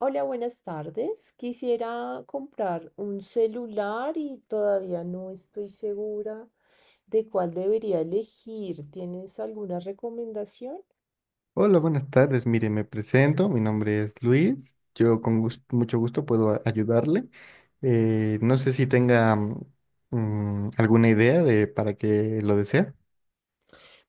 Hola, buenas tardes. Quisiera comprar un celular y todavía no estoy segura de cuál debería elegir. ¿Tienes alguna recomendación? Hola, buenas tardes. Mire, me presento. Mi nombre es Luis. Yo mucho gusto puedo ayudarle. No sé si tenga alguna idea de para qué lo desea.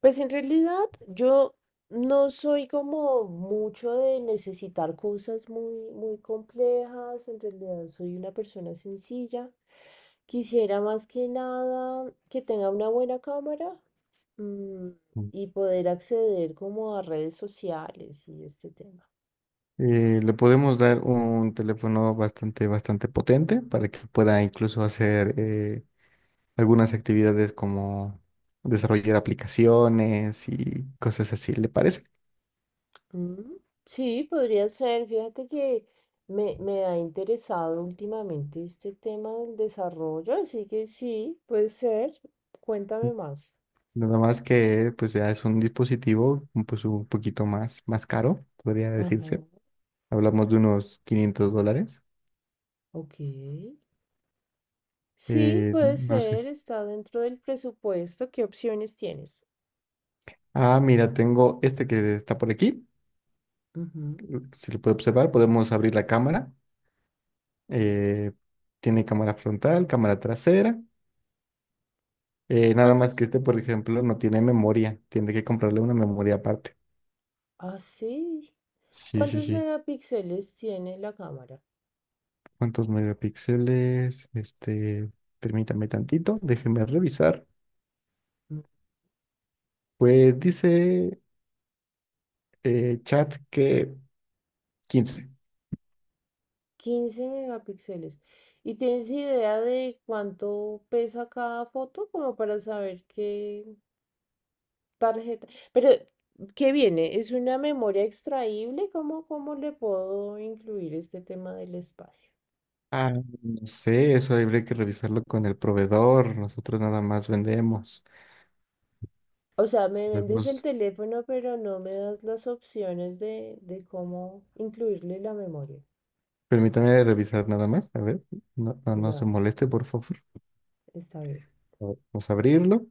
Pues en realidad yo no soy como mucho de necesitar cosas muy, muy complejas. En realidad soy una persona sencilla. Quisiera más que nada que tenga una buena cámara mm, Mm. y poder acceder como a redes sociales y este tema. Le podemos dar un teléfono bastante potente para que pueda incluso hacer algunas actividades como desarrollar aplicaciones y cosas así. ¿Le parece? Mm, sí, podría ser. Fíjate que me ha interesado últimamente este tema del desarrollo, así que sí, puede ser. Cuéntame más. Nada más que pues ya es un dispositivo, pues un poquito más caro, podría Ajá, decirse. Hablamos de unos $500. ok. Sí, puede No sé. ser. Está dentro del presupuesto. ¿Qué opciones tienes? Ah, mira, tengo este que está por aquí. Ujú. Si lo puede observar, podemos abrir la cámara. Eh, Tiene cámara frontal, cámara trasera. Nada más ¿Cuántos? que este, por ejemplo, no tiene memoria. Tiene que comprarle una memoria aparte. Ah, sí. Sí, sí, ¿Cuántos sí. megapíxeles tiene la cámara? ¿Cuántos megapíxeles? Permítame tantito, déjeme revisar. Pues dice, chat, que 15. 15 megapíxeles. ¿Y tienes idea de cuánto pesa cada foto? Como para saber qué tarjeta. Pero, ¿qué viene? ¿Es una memoria extraíble? ¿Cómo le puedo incluir este tema del espacio? Ah, no sé, eso habría que revisarlo con el proveedor. Nosotros nada más vendemos. O sea, me vendes el Sabemos- teléfono, pero no me das las opciones de cómo incluirle la memoria. Permítame revisar nada más. A ver, no, no, no se Dale, moleste, por favor. está bien. A ver, vamos a abrirlo.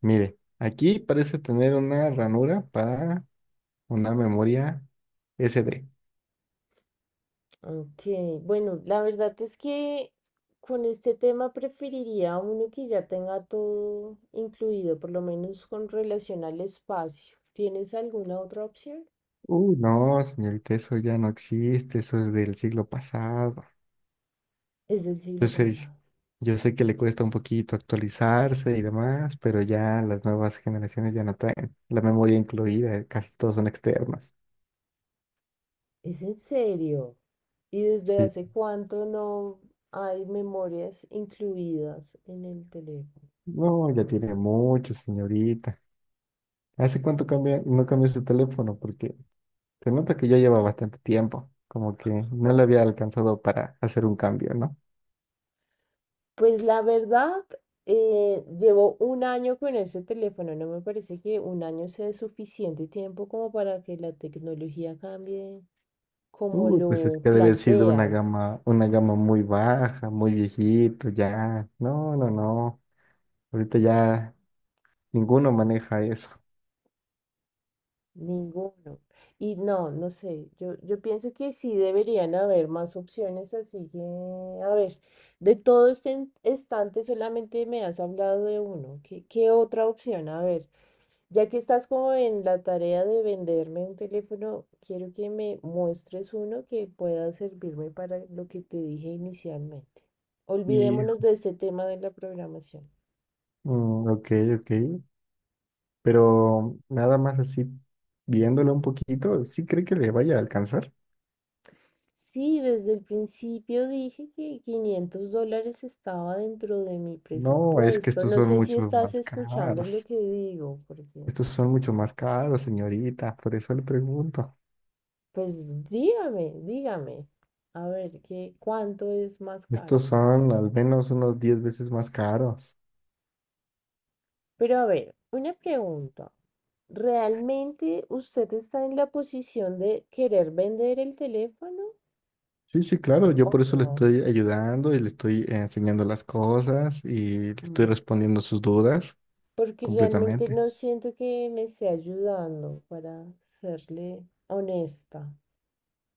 Mire, aquí parece tener una ranura para una memoria SD. Ok, bueno, la verdad es que con este tema preferiría uno que ya tenga todo incluido, por lo menos con relación al espacio. ¿Tienes alguna otra opción? No, señorita, eso ya no existe. Eso es del siglo pasado. Es del Yo siglo sé, pasado. yo sé que le cuesta un poquito actualizarse y demás, pero ya las nuevas generaciones ya no traen la memoria incluida, casi todos son externas. ¿Es en serio? ¿Y desde Sí. hace cuánto no hay memorias incluidas en el teléfono? No, ya tiene mucho, señorita. ¿Hace cuánto cambia, no cambió su teléfono? Porque se nota que ya lleva bastante tiempo, como que no le había alcanzado para hacer un cambio, ¿no? Pues la verdad, llevo un año con este teléfono. No me parece que un año sea suficiente tiempo como para que la tecnología cambie como Uy, pues es lo que ha de haber sido una planteas, gama, una gama muy baja, muy viejito, ya. No, no, no. Ahorita ya ninguno maneja eso. ninguno. Y no, no sé, yo pienso que sí deberían haber más opciones, así que, a ver, de todo este estante solamente me has hablado de uno. ¿Qué otra opción? A ver, ya que estás como en la tarea de venderme un teléfono, quiero que me muestres uno que pueda servirme para lo que te dije inicialmente. Y Olvidémonos de este tema de la programación. Mm, ok, ok. Pero nada más así, viéndolo un poquito, ¿sí cree que le vaya a alcanzar? Sí, desde el principio dije que $500 estaba dentro de mi No, es que presupuesto. estos No son sé si mucho estás más escuchando lo caros. que digo, porque, Estos son mucho más caros, señorita. Por eso le pregunto. pues dígame, dígame, a ver, ¿ cuánto es más caro? Estos son al menos unos 10 veces más caros. Pero a ver, una pregunta. ¿Realmente usted está en la posición de querer vender el teléfono Sí, sí, claro. Yo o por eso le no? estoy ayudando y le estoy enseñando las cosas y le estoy Mm. respondiendo sus dudas Porque realmente completamente. no siento que me esté ayudando, para serle honesta.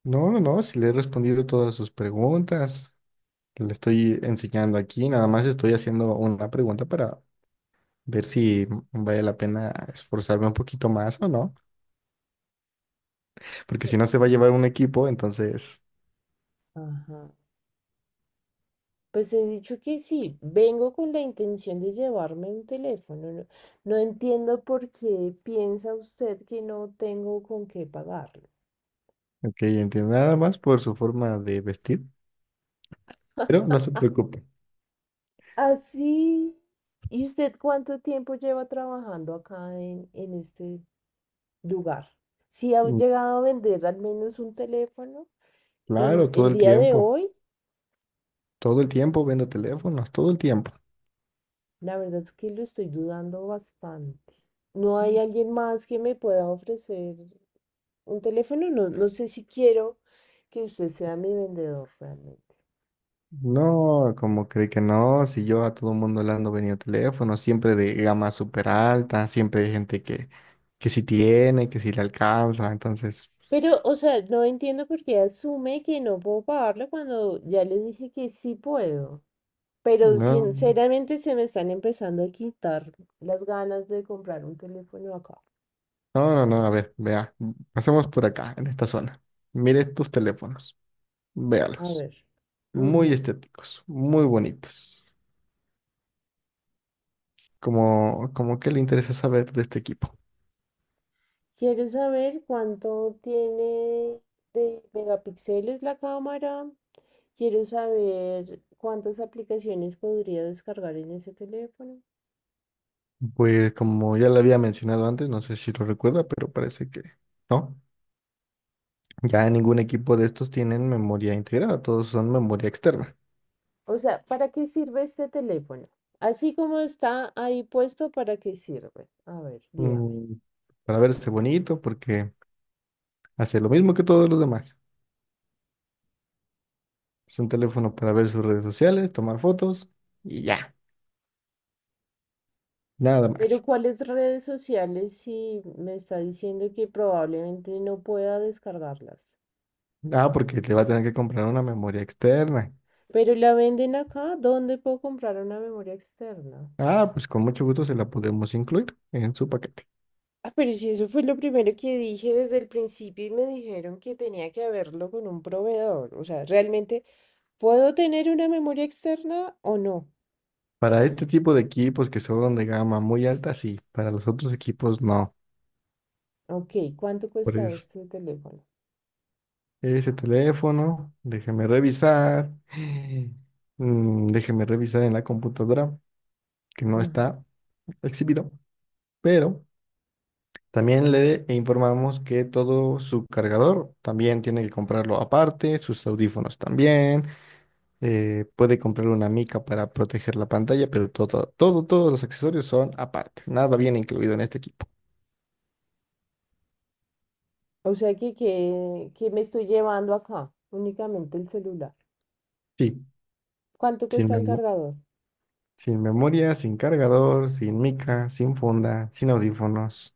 No, no, no, si le he respondido todas sus preguntas. Le estoy enseñando aquí, nada más estoy haciendo una pregunta para ver si vale la pena esforzarme un poquito más o no, porque si no se va a llevar un equipo, entonces, Ajá. Pues he dicho que sí, vengo con la intención de llevarme un teléfono. No, no entiendo por qué piensa usted que no tengo con qué pagarlo. ok, entiendo, nada más por su forma de vestir, pero no se preocupe. Así, ¿y usted cuánto tiempo lleva trabajando acá en este lugar? Si ha Mm, llegado a vender al menos un teléfono en claro, el día de hoy, todo el tiempo vendo teléfonos, todo el tiempo. la verdad es que lo estoy dudando bastante. ¿No hay alguien más que me pueda ofrecer un teléfono? No, no sé si quiero que usted sea mi vendedor realmente. No, como cree que no, si yo a todo el mundo le ando vendiendo teléfonos, siempre de gama súper alta, siempre hay gente que sí tiene, que sí le alcanza, entonces... Pero, o sea, no entiendo por qué asume que no puedo pagarlo cuando ya les dije que sí puedo. Pero No. sinceramente se me están empezando a quitar las ganas de comprar un teléfono acá. No, no, no, a ver, vea. Pasemos por acá, en esta zona. Mire estos teléfonos. A Véalos. ver. Muy Ujú. estéticos, muy bonitos. Como que le interesa saber de este equipo. Quiero saber cuánto tiene de megapíxeles la cámara. Quiero saber cuántas aplicaciones podría descargar en ese teléfono. Pues como ya le había mencionado antes, no sé si lo recuerda, pero parece que no. Ya ningún equipo de estos tienen memoria integrada, todos son memoria externa. O sea, ¿para qué sirve este teléfono? Así como está ahí puesto, ¿para qué sirve? A ver, dígame. Mm, para verse bonito, porque hace lo mismo que todos los demás. Es un teléfono para ver sus redes sociales, tomar fotos y ya, nada Pero más. ¿cuáles redes sociales si me está diciendo que probablemente no pueda descargarlas? Ah, porque le va a tener que comprar una memoria externa. Pero la venden acá, ¿dónde puedo comprar una memoria externa? Ah, pues con mucho gusto se la podemos incluir en su paquete. Ah, pero si eso fue lo primero que dije desde el principio y me dijeron que tenía que verlo con un proveedor. O sea, ¿realmente puedo tener una memoria externa o no? Para este tipo de equipos que son de gama muy alta, sí. Para los otros equipos, no. Ok, ¿cuánto Por cuesta eso, este teléfono? ese teléfono, déjeme revisar. Déjeme revisar en la computadora, que no Ujú. está exhibido. Pero también le informamos que todo su cargador también tiene que comprarlo aparte, sus audífonos también. Puede comprar una mica para proteger la pantalla, pero todos los accesorios son aparte. Nada viene incluido en este equipo. O sea que me estoy llevando acá, únicamente el celular. Sí, ¿Cuánto sin cuesta el memo- cargador? sin memoria, sin cargador, sin mica, sin funda, sin audífonos.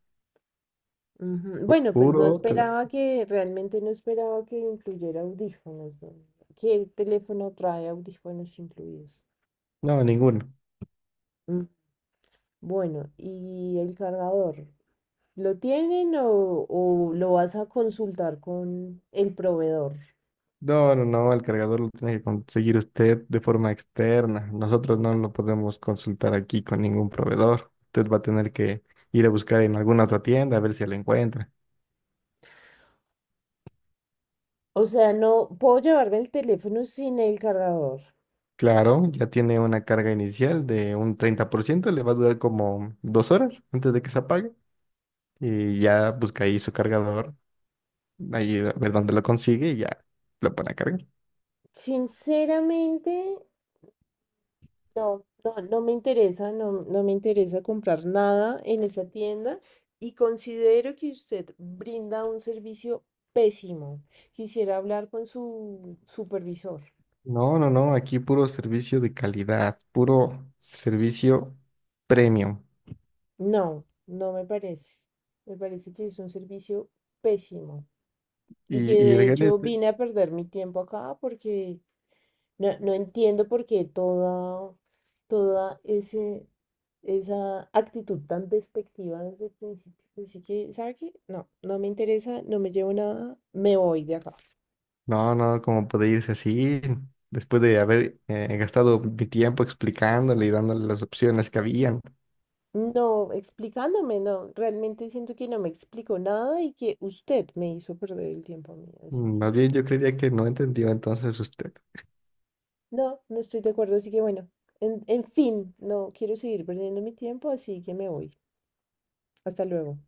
Ujú. Pu- Bueno, pues Puro tele- realmente no esperaba que incluyera audífonos. ¿No? ¿Qué teléfono trae audífonos incluidos? No, ninguno. Mm, bueno, ¿y el cargador? ¿Lo tienen o lo vas a consultar con el proveedor? No, no, no, el cargador lo tiene que conseguir usted de forma externa. Nosotros no lo podemos consultar aquí con ningún proveedor. Usted va a tener que ir a buscar en alguna otra tienda a ver si lo encuentra. O sea, no puedo llevarme el teléfono sin el cargador. Claro, ya tiene una carga inicial de un 30%. Le va a durar como 2 horas antes de que se apague, y ya busca ahí su cargador, ahí a ver dónde lo consigue y ya lo pone a cargar. Sinceramente, no, no, no me interesa, no, no me interesa comprar nada en esa tienda y considero que usted brinda un servicio pésimo. Quisiera hablar con su supervisor. No, no, no, aquí puro servicio de calidad, puro servicio premium. No, no me parece. Me parece que es un servicio pésimo y que Y, y de el hecho gerente, vine a perder mi tiempo acá porque no, no entiendo por qué toda ese, esa actitud tan despectiva desde el principio. Así que, ¿sabe qué? No, no me interesa, no me llevo nada, me voy de acá. no, no, como puede irse así, después de haber gastado mi tiempo explicándole y dándole las opciones que habían? No, explicándome, no, realmente siento que no me explico nada y que usted me hizo perder el tiempo a mí. Así que, Más bien yo creería que no entendió entonces usted. no, no estoy de acuerdo, así que bueno, en fin, no quiero seguir perdiendo mi tiempo, así que me voy. Hasta luego.